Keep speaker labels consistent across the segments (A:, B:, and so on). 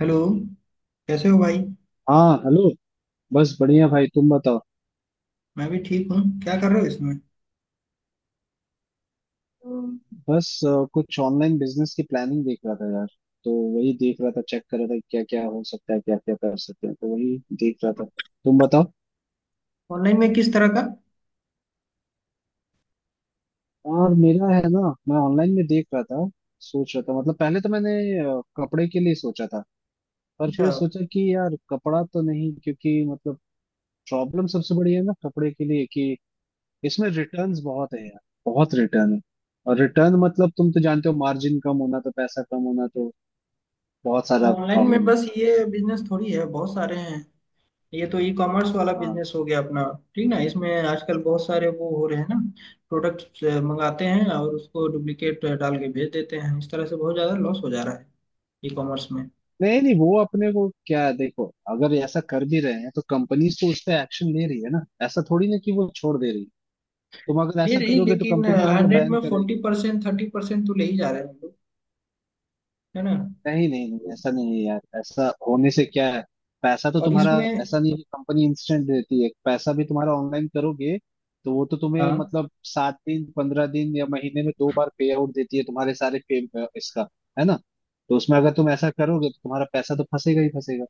A: Hello, कैसे हो भाई।
B: हाँ, हेलो। बस बढ़िया, भाई तुम बताओ।
A: मैं भी ठीक हूँ। क्या कर रहे हो इसमें।
B: हम्म। बस कुछ ऑनलाइन बिजनेस की प्लानिंग देख रहा था यार। तो वही देख रहा था, चेक कर रहा था क्या क्या हो सकता है, क्या क्या कर सकते हैं, तो वही देख रहा था। तुम बताओ।
A: ऑनलाइन में किस तरह का।
B: और मेरा है ना, मैं ऑनलाइन में देख रहा था, सोच रहा था। मतलब पहले तो मैंने कपड़े के लिए सोचा था, पर
A: अच्छा।
B: फिर सोचा कि यार कपड़ा तो नहीं, क्योंकि मतलब प्रॉब्लम सबसे बड़ी है ना कपड़े के लिए कि इसमें रिटर्न्स बहुत है यार। बहुत रिटर्न है। और रिटर्न मतलब तुम तो जानते हो, मार्जिन कम होना तो पैसा कम होना, तो बहुत
A: तो
B: सारा
A: ऑनलाइन में
B: प्रॉब्लम है।
A: बस ये बिजनेस थोड़ी है, बहुत सारे हैं। ये तो ई कॉमर्स वाला
B: हाँ।
A: बिजनेस हो गया अपना। ठीक ना, इसमें आजकल बहुत सारे वो हो रहे हैं ना। प्रोडक्ट मंगाते हैं और उसको डुप्लीकेट डाल के भेज देते हैं, इस तरह से बहुत ज़्यादा लॉस हो जा रहा है ई कॉमर्स में।
B: नहीं नहीं, वो अपने को क्या है, देखो अगर ऐसा कर भी रहे हैं तो कंपनीज तो उस पर एक्शन ले रही है ना, ऐसा थोड़ी ना कि वो छोड़ दे रही है। तुम अगर
A: ले
B: ऐसा
A: रही,
B: करोगे तो
A: लेकिन
B: कंपनी तुम्हारा
A: 100
B: बैन
A: में फोर्टी
B: करेगी।
A: परसेंट 30% तो ले ही जा रहे हैं हम लोग, है ना।
B: नहीं नहीं नहीं, ऐसा नहीं है यार। ऐसा होने से क्या है, पैसा तो
A: और
B: तुम्हारा।
A: इसमें।
B: ऐसा नहीं है कि कंपनी इंस्टेंट देती है, पैसा भी तुम्हारा ऑनलाइन करोगे तो वो तो तुम्हें
A: हाँ।
B: मतलब 7 दिन 15 दिन या महीने में 2 बार पे आउट देती है, तुम्हारे सारे पे इसका। है ना। तो उसमें अगर तुम ऐसा करोगे तो तुम्हारा पैसा तो फंसेगा ही फंसेगा।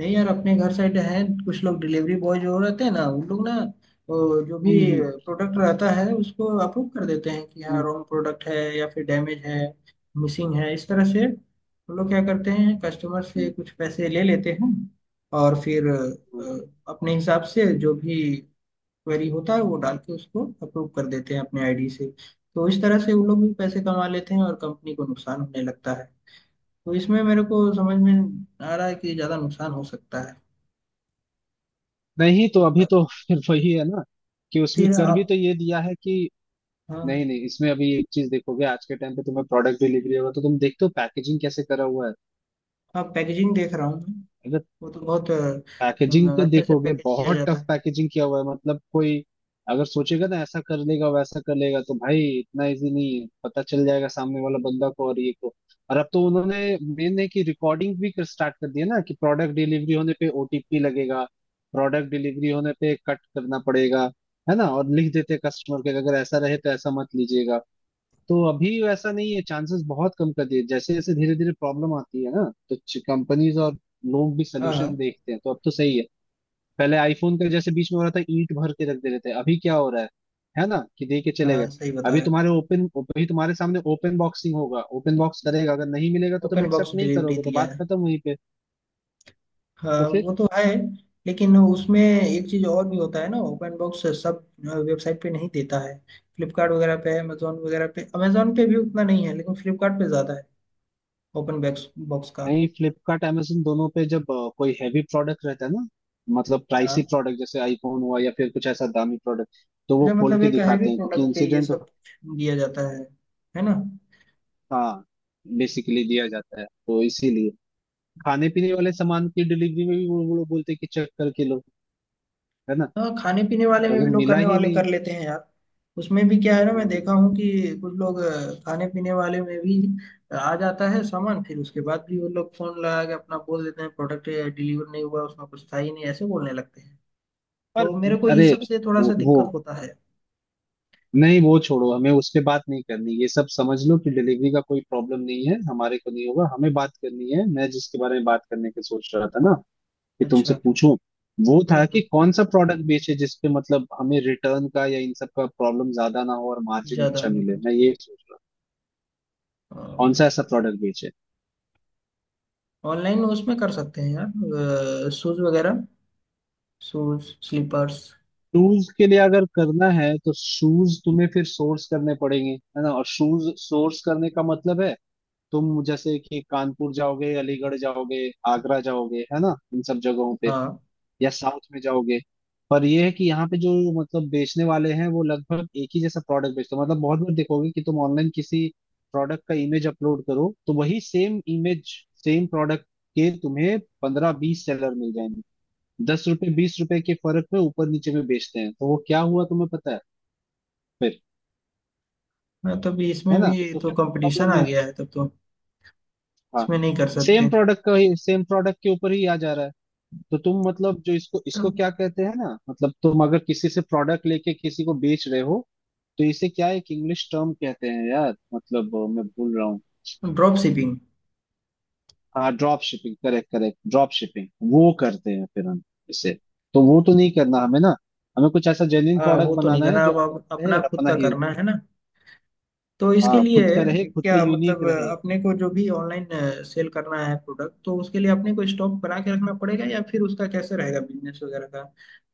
A: नहीं यार, अपने घर साइड है, कुछ लोग डिलीवरी बॉय जो रहते हैं ना उन लोग ना, वो जो भी
B: हम्म।
A: प्रोडक्ट रहता है उसको अप्रूव कर देते हैं कि हाँ
B: हम्म,
A: रॉन्ग प्रोडक्ट है या फिर डैमेज है मिसिंग है। इस तरह से वो लोग क्या करते हैं, कस्टमर से
B: हम्म,
A: कुछ पैसे ले लेते हैं। और फिर
B: हम्म।
A: अपने हिसाब से जो भी क्वेरी होता है वो डाल के उसको अप्रूव कर देते हैं अपने आईडी से। तो इस तरह से वो लोग भी पैसे कमा लेते हैं और कंपनी को नुकसान होने लगता है। तो इसमें मेरे को समझ में आ रहा है कि ज़्यादा नुकसान हो सकता है।
B: नहीं तो अभी तो फिर वही है ना, कि उसमें
A: फिर
B: कर भी
A: आप।
B: तो ये दिया है कि
A: हाँ।
B: नहीं नहीं। इसमें अभी एक चीज देखोगे, आज के टाइम पे तुम्हें प्रोडक्ट डिलीवरी होगा तो तुम देखते हो पैकेजिंग कैसे करा हुआ
A: हाँ, पैकेजिंग देख रहा हूँ मैं।
B: है।
A: वो तो बहुत
B: पैकेजिंग को
A: अच्छे से
B: देखोगे
A: पैकेज किया
B: बहुत
A: जाता
B: टफ
A: है।
B: पैकेजिंग किया हुआ है। मतलब कोई अगर सोचेगा ना, ऐसा कर लेगा वैसा कर लेगा, तो भाई इतना इजी नहीं है, पता चल जाएगा सामने वाला बंदा को। और ये को और अब तो उन्होंने मेन है कि रिकॉर्डिंग भी कर स्टार्ट कर दिया ना, कि प्रोडक्ट डिलीवरी होने पे ओटीपी लगेगा। प्रोडक्ट डिलीवरी होने पे कट करना पड़ेगा। है ना। और लिख देते कस्टमर के अगर ऐसा रहे तो ऐसा मत लीजिएगा। तो अभी वैसा नहीं है, चांसेस बहुत कम कर दिए। जैसे जैसे धीरे धीरे प्रॉब्लम आती है ना तो कंपनीज और लोग भी
A: हाँ
B: सोल्यूशन
A: हाँ।
B: देखते हैं, तो अब तो सही है। पहले आईफोन का जैसे बीच में हो रहा था, ईंट भर के रख दे रहे थे। अभी क्या हो रहा है ना, कि दे के चले गए।
A: हाँ, सही बता
B: अभी
A: रहे हो।
B: तुम्हारे ओपन, अभी तुम्हारे सामने ओपन बॉक्सिंग होगा, ओपन बॉक्स करेगा, अगर नहीं मिलेगा तो तुम
A: ओपन बॉक्स
B: एक्सेप्ट नहीं
A: डिलीवरी
B: करोगे, तो
A: दिया
B: बात
A: है।
B: खत्म वहीं पे।
A: हाँ
B: तो फिर
A: वो तो है। लेकिन उसमें एक चीज़ और भी होता है ना, ओपन बॉक्स सब वेबसाइट पे नहीं देता है। फ्लिपकार्ट वगैरह पे, अमेजोन वगैरह पे, अमेजोन पे भी उतना नहीं है लेकिन फ्लिपकार्ट पे ज़्यादा है। ओपन बॉक्स बॉक्स का।
B: नहीं, फ्लिपकार्ट अमेजन दोनों पे जब कोई हैवी प्रोडक्ट रहता है ना, मतलब प्राइसी
A: हाँ।
B: प्रोडक्ट जैसे आईफोन हुआ या फिर कुछ ऐसा दामी प्रोडक्ट, तो वो
A: अच्छा,
B: खोल
A: मतलब
B: के
A: एक हैवी
B: दिखाते हैं क्योंकि
A: प्रोडक्ट पे ये
B: इंसिडेंट।
A: सब दिया जाता है ना।
B: हाँ, बेसिकली दिया जाता है। तो इसीलिए खाने पीने वाले सामान की डिलीवरी में भी वो लोग बोलते हैं कि चेक करके लो। है ना।
A: हाँ, खाने पीने वाले
B: और
A: में
B: अगर
A: भी लोग
B: मिला
A: करने
B: ही
A: वाले
B: नहीं।
A: कर लेते हैं यार। उसमें भी क्या है ना, मैं
B: हम्म,
A: देखा हूँ कि कुछ लोग खाने पीने वाले में भी आ जाता है सामान, फिर उसके बाद भी वो लोग फोन लगा के अपना बोल देते हैं प्रोडक्ट डिलीवर नहीं हुआ, उसमें कुछ था ही नहीं, ऐसे बोलने लगते हैं।
B: पर
A: तो मेरे को ये
B: अरे
A: सब से थोड़ा सा
B: वो,
A: दिक्कत
B: वो
A: होता है।
B: नहीं, वो छोड़ो, हमें उस पे बात नहीं करनी। ये सब समझ लो कि डिलीवरी का कोई प्रॉब्लम नहीं है, हमारे को नहीं होगा। हमें बात करनी है, मैं जिसके बारे में बात करने की सोच रहा था ना कि तुमसे
A: अच्छा।
B: पूछूं, वो था कि
A: हम्म।
B: कौन सा प्रोडक्ट बेचे जिसपे मतलब हमें रिटर्न का या इन सब का प्रॉब्लम ज्यादा ना हो और मार्जिन
A: ज्यादा
B: अच्छा मिले।
A: लोग
B: मैं ये सोच रहा हूँ कौन सा ऐसा प्रोडक्ट बेचे।
A: ऑनलाइन उसमें कर सकते हैं यार, शूज वगैरह, शूज स्लीपर्स।
B: शूज के लिए अगर करना है तो शूज तुम्हें फिर सोर्स करने पड़ेंगे है ना, और शूज सोर्स करने का मतलब है तुम जैसे कि कानपुर जाओगे, अलीगढ़ जाओगे, आगरा जाओगे, है ना, इन सब जगहों पे
A: हाँ।
B: या साउथ में जाओगे। पर यह है कि यहाँ पे जो मतलब बेचने वाले हैं वो लगभग एक ही जैसा प्रोडक्ट बेचते हैं। मतलब बहुत बार देखोगे कि तुम ऑनलाइन किसी प्रोडक्ट का इमेज अपलोड करो तो वही सेम इमेज, सेम प्रोडक्ट के तुम्हें 15-20 सेलर मिल जाएंगे। ₹10 ₹20 के फर्क में ऊपर नीचे में बेचते हैं। तो वो क्या हुआ तुम्हें पता है फिर।
A: हाँ, तब
B: है
A: इसमें
B: ना।
A: भी
B: तो
A: तो
B: फिर
A: कंपटीशन
B: प्रॉब्लम
A: आ
B: है।
A: गया है, तब तो
B: हाँ,
A: इसमें नहीं कर
B: सेम
A: सकते।
B: प्रोडक्ट का ही सेम प्रोडक्ट के ऊपर ही आ जा रहा है। तो तुम मतलब जो इसको इसको क्या कहते हैं ना, मतलब तुम अगर किसी से प्रोडक्ट लेके किसी को बेच रहे हो तो इसे क्या एक इंग्लिश टर्म कहते हैं यार, मतलब मैं भूल रहा हूँ।
A: Drop shipping.
B: हाँ drop shipping, correct correct, drop shipping. वो करते हैं फिर हम इसे। तो वो तो नहीं करना हमें ना, हमें कुछ ऐसा जेन्युइन
A: हाँ
B: प्रोडक्ट
A: वो तो नहीं
B: बनाना है
A: करना,
B: जो
A: अब
B: अपना रहे
A: अपना
B: और
A: खुद
B: अपना
A: का
B: ही।
A: करना है ना। तो इसके
B: हाँ
A: लिए
B: खुद का रहे, खुद
A: क्या
B: का
A: मतलब
B: यूनिक रहे।
A: अपने को जो भी ऑनलाइन सेल करना है प्रोडक्ट, तो उसके लिए अपने को स्टॉक बना के रखना पड़ेगा, या फिर उसका कैसे रहेगा बिजनेस वगैरह का,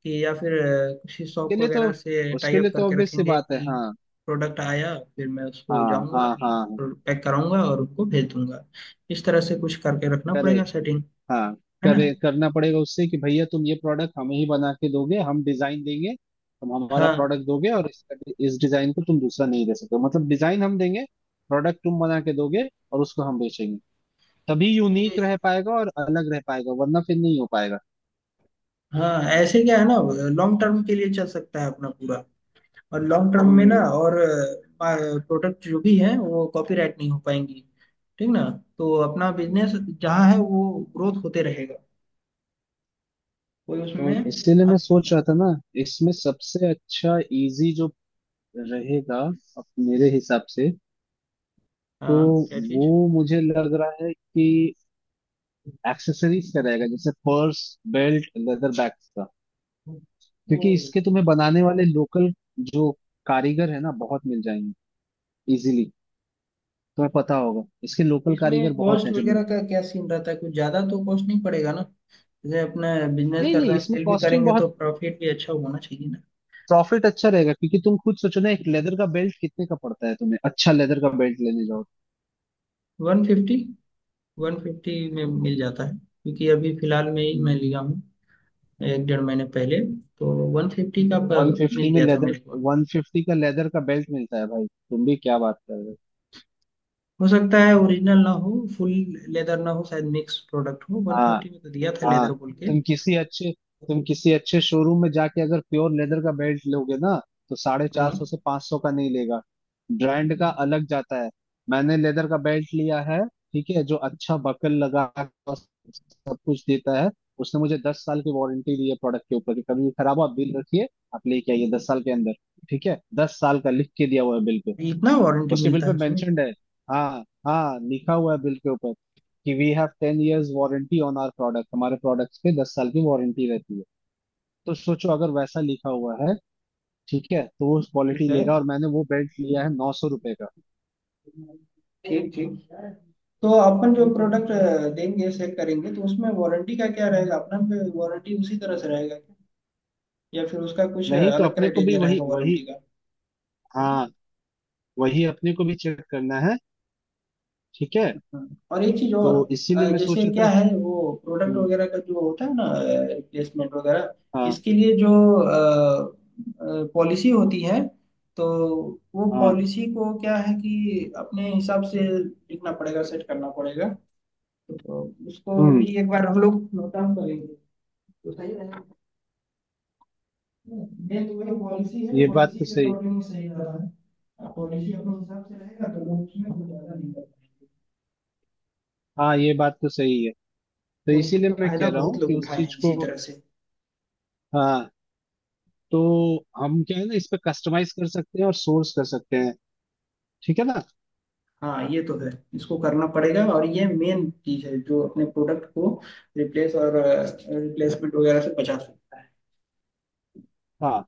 A: कि या फिर किसी शॉप
B: उसके लिए तो,
A: वगैरह से टाई
B: उसके
A: अप
B: लिए तो
A: करके
B: ऑब्वियस सी
A: रखेंगे
B: बात है।
A: कि
B: हाँ
A: प्रोडक्ट आया फिर मैं उसको
B: हाँ
A: जाऊंगा
B: हाँ हाँ।
A: पैक कराऊंगा और उनको भेज दूंगा, इस तरह से कुछ करके रखना पड़ेगा
B: करेक्ट।
A: सेटिंग,
B: हाँ
A: है ना।
B: करे करना पड़ेगा उससे कि भैया तुम ये प्रोडक्ट हमें ही बना के दोगे, हम डिजाइन देंगे, तुम हमारा
A: हाँ
B: प्रोडक्ट दोगे और इसका इस डिजाइन को तुम दूसरा नहीं दे सकते, मतलब डिजाइन हम देंगे, प्रोडक्ट तुम बना के दोगे, और उसको हम बेचेंगे। तभी यूनिक
A: ये।
B: रह पाएगा और अलग रह पाएगा, वरना फिर नहीं हो पाएगा।
A: हाँ, ऐसे क्या है ना, लॉन्ग टर्म के लिए चल सकता है अपना पूरा। और लॉन्ग टर्म में ना,
B: हम्म।
A: और प्रोडक्ट जो भी है वो कॉपीराइट नहीं हो पाएंगी। ठीक ना। तो अपना बिजनेस जहाँ है वो ग्रोथ होते रहेगा, कोई
B: तो
A: उसमें
B: इसीलिए मैं
A: फंस- नहीं।
B: सोच रहा था ना, इसमें सबसे अच्छा इजी जो रहेगा अब मेरे हिसाब से, तो
A: हाँ, क्या चीज।
B: वो मुझे लग रहा है कि एक्सेसरीज का रहेगा, जैसे पर्स, बेल्ट, लेदर बैग का।
A: तो
B: क्योंकि इसके तुम्हें बनाने वाले लोकल जो कारीगर है ना, बहुत मिल जाएंगे इजीली। तुम्हें पता होगा इसके लोकल
A: इसमें
B: कारीगर बहुत
A: कॉस्ट
B: हैं जो मिल।
A: वगैरह का क्या सीन रहता है, कुछ ज्यादा तो कॉस्ट नहीं पड़ेगा ना, जैसे अपना बिजनेस
B: नहीं
A: कर
B: नहीं,
A: रहे हैं
B: इसमें
A: सेल भी
B: कॉस्टिंग
A: करेंगे तो
B: बहुत,
A: प्रॉफिट भी अच्छा होना चाहिए ना।
B: प्रॉफिट अच्छा रहेगा। क्योंकि तुम खुद सोचो ना, एक लेदर का बेल्ट कितने का पड़ता है, तुम्हें अच्छा लेदर का बेल्ट लेने जाओ।
A: 150। 150 में मिल जाता है, क्योंकि अभी फिलहाल में ही मैं लिया हूँ, एक डेढ़ महीने पहले, तो 150 का
B: वन
A: मिल
B: फिफ्टी में
A: गया था
B: लेदर,
A: मेरे को।
B: 150 का लेदर का बेल्ट मिलता है भाई, तुम भी क्या बात कर रहे हो।
A: हो सकता है ओरिजिनल ना हो, फुल लेदर ना हो, शायद मिक्स प्रोडक्ट हो, वन
B: हाँ
A: फिफ्टी में तो दिया था
B: हाँ।
A: लेदर बोल के।
B: तुम किसी अच्छे, तुम किसी अच्छे शोरूम में जाके अगर प्योर लेदर का बेल्ट लोगे ना, तो साढ़े
A: हाँ।
B: चार सौ से 500 का नहीं लेगा। ब्रांड का अलग जाता है। मैंने लेदर का बेल्ट लिया है, ठीक है, जो अच्छा बकल लगा और सब कुछ देता है। उसने मुझे 10 साल की वारंटी दी है प्रोडक्ट के ऊपर, कि कभी भी खराब हो आप बिल रखिए, आप लेके आइए 10 साल के अंदर। ठीक है, 10 साल का लिख के दिया हुआ है बिल पे।
A: इतना वारंटी
B: उसके बिल
A: मिलता
B: पे
A: है उसमें।
B: मेंशन्ड है, हाँ हाँ, लिखा हुआ है बिल के ऊपर कि we have 10 years warranty on our product, हमारे प्रोडक्ट्स पे 10 साल की वारंटी रहती है। तो सोचो अगर वैसा लिखा हुआ है, ठीक है, तो वो
A: ठीक
B: क्वालिटी
A: है।
B: ले रहा है। और मैंने वो बेल्ट लिया है ₹900 का।
A: ठीक ठीक। तो अपन जो प्रोडक्ट देंगे सेल करेंगे तो उसमें वारंटी का क्या रहेगा अपना, वारंटी उसी तरह से रहेगा क्या, या फिर उसका कुछ
B: नहीं तो
A: अलग
B: अपने को भी
A: क्राइटेरिया
B: वही
A: रहेगा
B: वही,
A: वारंटी का।
B: हाँ वही अपने को भी चेक करना है। ठीक है,
A: हाँ, और एक चीज
B: तो
A: और
B: इसीलिए मैं
A: जैसे
B: सोचा
A: क्या
B: था।
A: है वो प्रोडक्ट
B: हम्म,
A: वगैरह का जो होता है ना, रिप्लेसमेंट वगैरह,
B: हाँ।
A: इसके लिए जो पॉलिसी होती है, तो वो
B: हाँ।
A: पॉलिसी को क्या है कि अपने हिसाब से लिखना पड़ेगा सेट करना पड़ेगा, तो उसको
B: हम्म।
A: भी एक बार हम लोग नोट डाउन करेंगे तो सही रहेगा। मेन तो वही पॉलिसी है,
B: ये बात
A: पॉलिसी
B: तो
A: के
B: सही।
A: अकॉर्डिंग सही रहा है, पॉलिसी अपने हिसाब से रहेगा तो लोग उसमें कुछ ज्यादा नहीं कर पाएंगे।
B: हाँ ये बात तो सही है। तो
A: पॉलिसी
B: इसीलिए
A: का
B: मैं
A: फायदा
B: कह रहा
A: बहुत
B: हूँ कि
A: लोग
B: उस
A: उठाए
B: चीज
A: हैं
B: को,
A: इसी तरह से।
B: हाँ, तो हम क्या है ना इस पे कस्टमाइज कर सकते हैं और सोर्स कर सकते हैं। ठीक है ना।
A: हाँ ये तो है, इसको करना पड़ेगा और ये मेन चीज है जो अपने प्रोडक्ट को रिप्लेस और रिप्लेसमेंट वगैरह से बचा सकता है।
B: हाँ,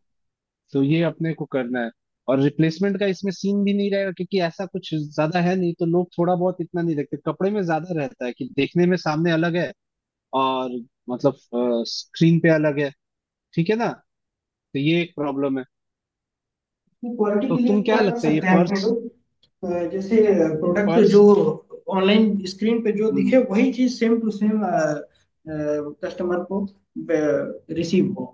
B: तो ये अपने को करना है। और रिप्लेसमेंट का इसमें सीन भी नहीं रहेगा क्योंकि ऐसा कुछ ज्यादा है नहीं, तो लोग थोड़ा बहुत इतना नहीं देखते। कपड़े में ज्यादा रहता है कि देखने में सामने अलग है और मतलब स्क्रीन पे अलग है। ठीक है ना। तो ये एक प्रॉब्लम है।
A: क्वालिटी
B: तो
A: के लिए
B: तुम क्या
A: क्या कर
B: लगता है ये
A: सकते हैं अपने
B: पर्स,
A: लोग। जैसे प्रोडक्ट जो
B: पर्स
A: ऑनलाइन स्क्रीन पे जो दिखे वही चीज सेम टू सेम कस्टमर को रिसीव हो,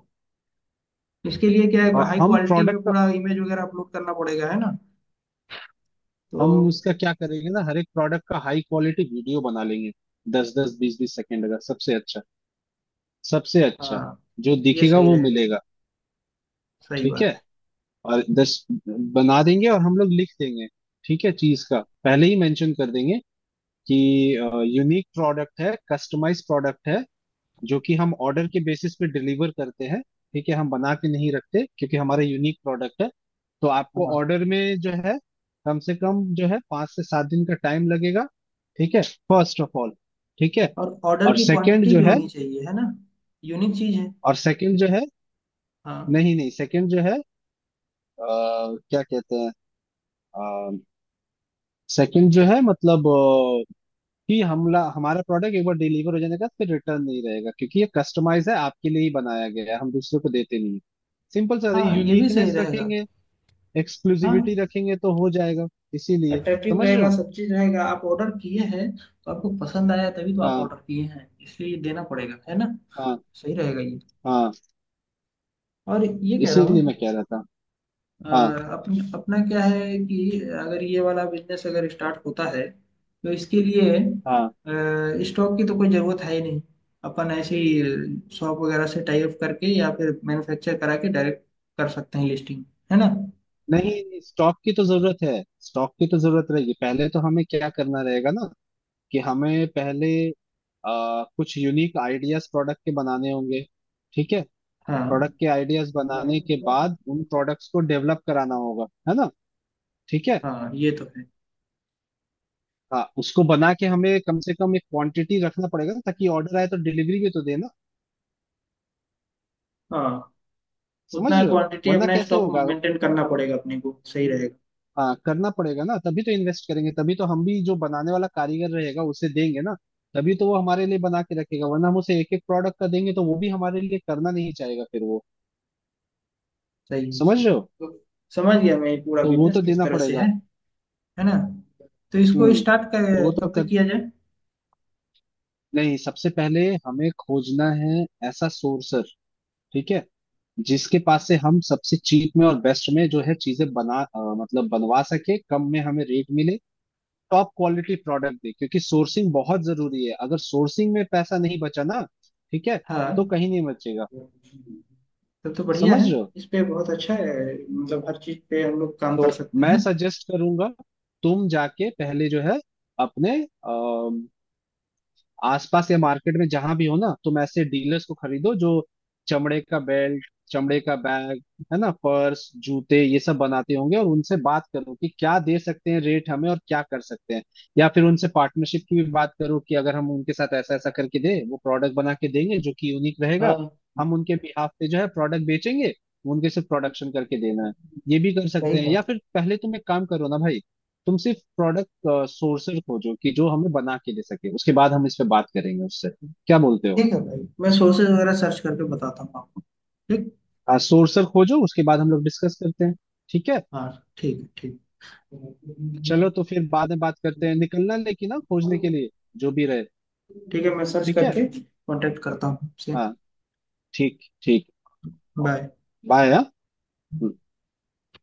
A: इसके लिए क्या है, हाई
B: हम
A: क्वालिटी
B: प्रोडक्ट
A: में
B: का,
A: पूरा इमेज वगैरह अपलोड करना पड़ेगा है ना,
B: हम
A: तो।
B: उसका क्या करेंगे ना, हर एक प्रोडक्ट का हाई क्वालिटी वीडियो बना लेंगे, 10-10, 20-20 सेकंड का, सबसे अच्छा, सबसे अच्छा।
A: हाँ
B: जो
A: ये
B: दिखेगा
A: सही
B: वो
A: रहेगा,
B: मिलेगा।
A: सही
B: ठीक
A: बात
B: है,
A: है।
B: और दस बना देंगे और हम लोग लिख देंगे। ठीक है, चीज का पहले ही मेंशन कर देंगे कि यूनिक प्रोडक्ट है, कस्टमाइज प्रोडक्ट है जो कि हम ऑर्डर के बेसिस पे डिलीवर करते हैं। ठीक है, हम बना के नहीं रखते क्योंकि हमारा यूनिक प्रोडक्ट है। तो आपको
A: हाँ।
B: ऑर्डर में जो है, कम से कम जो है 5 से 7 दिन का टाइम लगेगा। ठीक है, फर्स्ट ऑफ ऑल, ठीक है।
A: और ऑर्डर
B: और
A: की
B: सेकंड
A: क्वांटिटी
B: जो
A: भी
B: है,
A: होनी चाहिए है ना, यूनिक चीज है।
B: और सेकंड जो है,
A: हाँ।
B: नहीं नहीं, सेकंड जो है, क्या कहते हैं, सेकंड जो है मतलब कि हमला हमारा प्रोडक्ट एक बार डिलीवर हो जाने का फिर रिटर्न नहीं रहेगा, क्योंकि ये कस्टमाइज है, आपके लिए ही बनाया गया है, हम दूसरे को देते नहीं। सिंपल सा है,
A: हाँ ये भी सही
B: यूनिकनेस
A: रहेगा।
B: रखेंगे, एक्सक्लूसिविटी
A: हाँ,
B: रखेंगे तो हो जाएगा। इसीलिए
A: अट्रैक्टिव
B: समझ रहे
A: रहेगा,
B: हो।
A: सब चीज रहेगा, आप ऑर्डर किए हैं तो आपको पसंद आया तभी तो आप
B: हाँ
A: ऑर्डर किए हैं, इसलिए ये देना पड़ेगा है ना।
B: हाँ
A: सही रहेगा ये।
B: हाँ।
A: और ये कह रहा हूँ
B: इसीलिए मैं कह रहा था। हाँ
A: अपन अपना क्या है कि अगर ये वाला बिजनेस अगर स्टार्ट होता है तो इसके लिए
B: हाँ।
A: स्टॉक की तो कोई ज़रूरत है ही नहीं। अपन ऐसे ही शॉप वगैरह से टाई अप करके या फिर मैन्युफैक्चर करा के डायरेक्ट कर सकते हैं लिस्टिंग, है ना।
B: नहीं, स्टॉक की तो जरूरत है। स्टॉक की तो जरूरत रहेगी, पहले तो हमें क्या करना रहेगा ना, कि हमें पहले कुछ यूनिक आइडियाज प्रोडक्ट के बनाने होंगे। ठीक है,
A: हाँ।
B: प्रोडक्ट के आइडियाज बनाने के बाद उन प्रोडक्ट्स को डेवलप कराना होगा, है ना। ठीक है।
A: हाँ ये तो है।
B: हाँ उसको बना के हमें कम से कम एक क्वांटिटी रखना पड़ेगा ना, ताकि ऑर्डर आए तो डिलीवरी भी तो देना।
A: हाँ,
B: समझ
A: उतना
B: रहे हो,
A: क्वांटिटी
B: वरना
A: अपना
B: कैसे
A: स्टॉक
B: होगा।
A: मेंटेन करना पड़ेगा अपने को सही रहेगा।
B: हाँ करना पड़ेगा ना, तभी तो इन्वेस्ट करेंगे, तभी तो हम भी जो बनाने वाला कारीगर रहेगा उसे देंगे ना, तभी तो वो हमारे लिए बना के रखेगा। वरना हम उसे एक एक प्रोडक्ट का देंगे तो वो भी हमारे लिए करना नहीं चाहेगा फिर वो।
A: सही है
B: समझ
A: सही
B: रहे हो,
A: तो, समझ गया मैं ये पूरा
B: तो वो
A: बिजनेस
B: तो
A: किस
B: देना
A: तरह से
B: पड़ेगा।
A: है ना। तो इसको
B: हम्म।
A: स्टार्ट
B: तो वो
A: कर
B: तो
A: कब तक
B: कर,
A: किया जाए।
B: नहीं सबसे पहले हमें खोजना है ऐसा सोर्सर। ठीक है, जिसके पास से हम सबसे चीप में और बेस्ट में जो है चीजें बना मतलब बनवा सके, कम में हमें रेट मिले, टॉप क्वालिटी प्रोडक्ट दे। क्योंकि सोर्सिंग बहुत जरूरी है, अगर सोर्सिंग में पैसा नहीं बचा ना, ठीक है,
A: हाँ
B: तो कहीं नहीं बचेगा।
A: तब तो बढ़िया
B: समझ
A: है।
B: रहे हो,
A: इस पे बहुत अच्छा है, मतलब हर चीज पे हम लोग काम कर सकते
B: मैं
A: हैं।
B: सजेस्ट करूंगा तुम जाके पहले जो है अपने आसपास या मार्केट में जहां भी हो ना, तुम ऐसे डीलर्स को खरीदो जो चमड़े का बेल्ट, चमड़े का बैग, है ना पर्स जूते ये सब बनाते होंगे, और उनसे बात करो कि क्या दे सकते हैं रेट हमें और क्या कर सकते हैं। या फिर उनसे पार्टनरशिप की भी बात करो कि अगर हम उनके साथ ऐसा ऐसा करके दे वो प्रोडक्ट बना के देंगे जो कि यूनिक रहेगा,
A: हाँ,
B: हम उनके बिहाफ पे जो है प्रोडक्ट बेचेंगे, उनके सिर्फ प्रोडक्शन करके देना है। ये भी कर
A: सही
B: सकते हैं, या
A: बात
B: फिर पहले तुम एक काम करो ना भाई, तुम सिर्फ प्रोडक्ट सोर्सर खोजो कि जो हमें बना के दे सके, उसके बाद हम इस पे बात करेंगे उससे।
A: है।
B: क्या बोलते हो।
A: ठीक है भाई, मैं सोर्सेज वगैरह सर्च करके बताता हूँ आपको। ठीक।
B: सोर्सर खोजो, उसके बाद हम लोग डिस्कस करते हैं। ठीक है।
A: हाँ। ठीक है ठीक।
B: चलो तो फिर बाद में बात करते हैं, निकलना लेकिन ना खोजने के लिए जो भी रहे।
A: ठीक है, मैं सर्च
B: ठीक है।
A: करके कांटेक्ट करता हूँ आपसे।
B: हाँ। ठीक ठीक।
A: बाय।
B: बाय। हाँ। हम्म।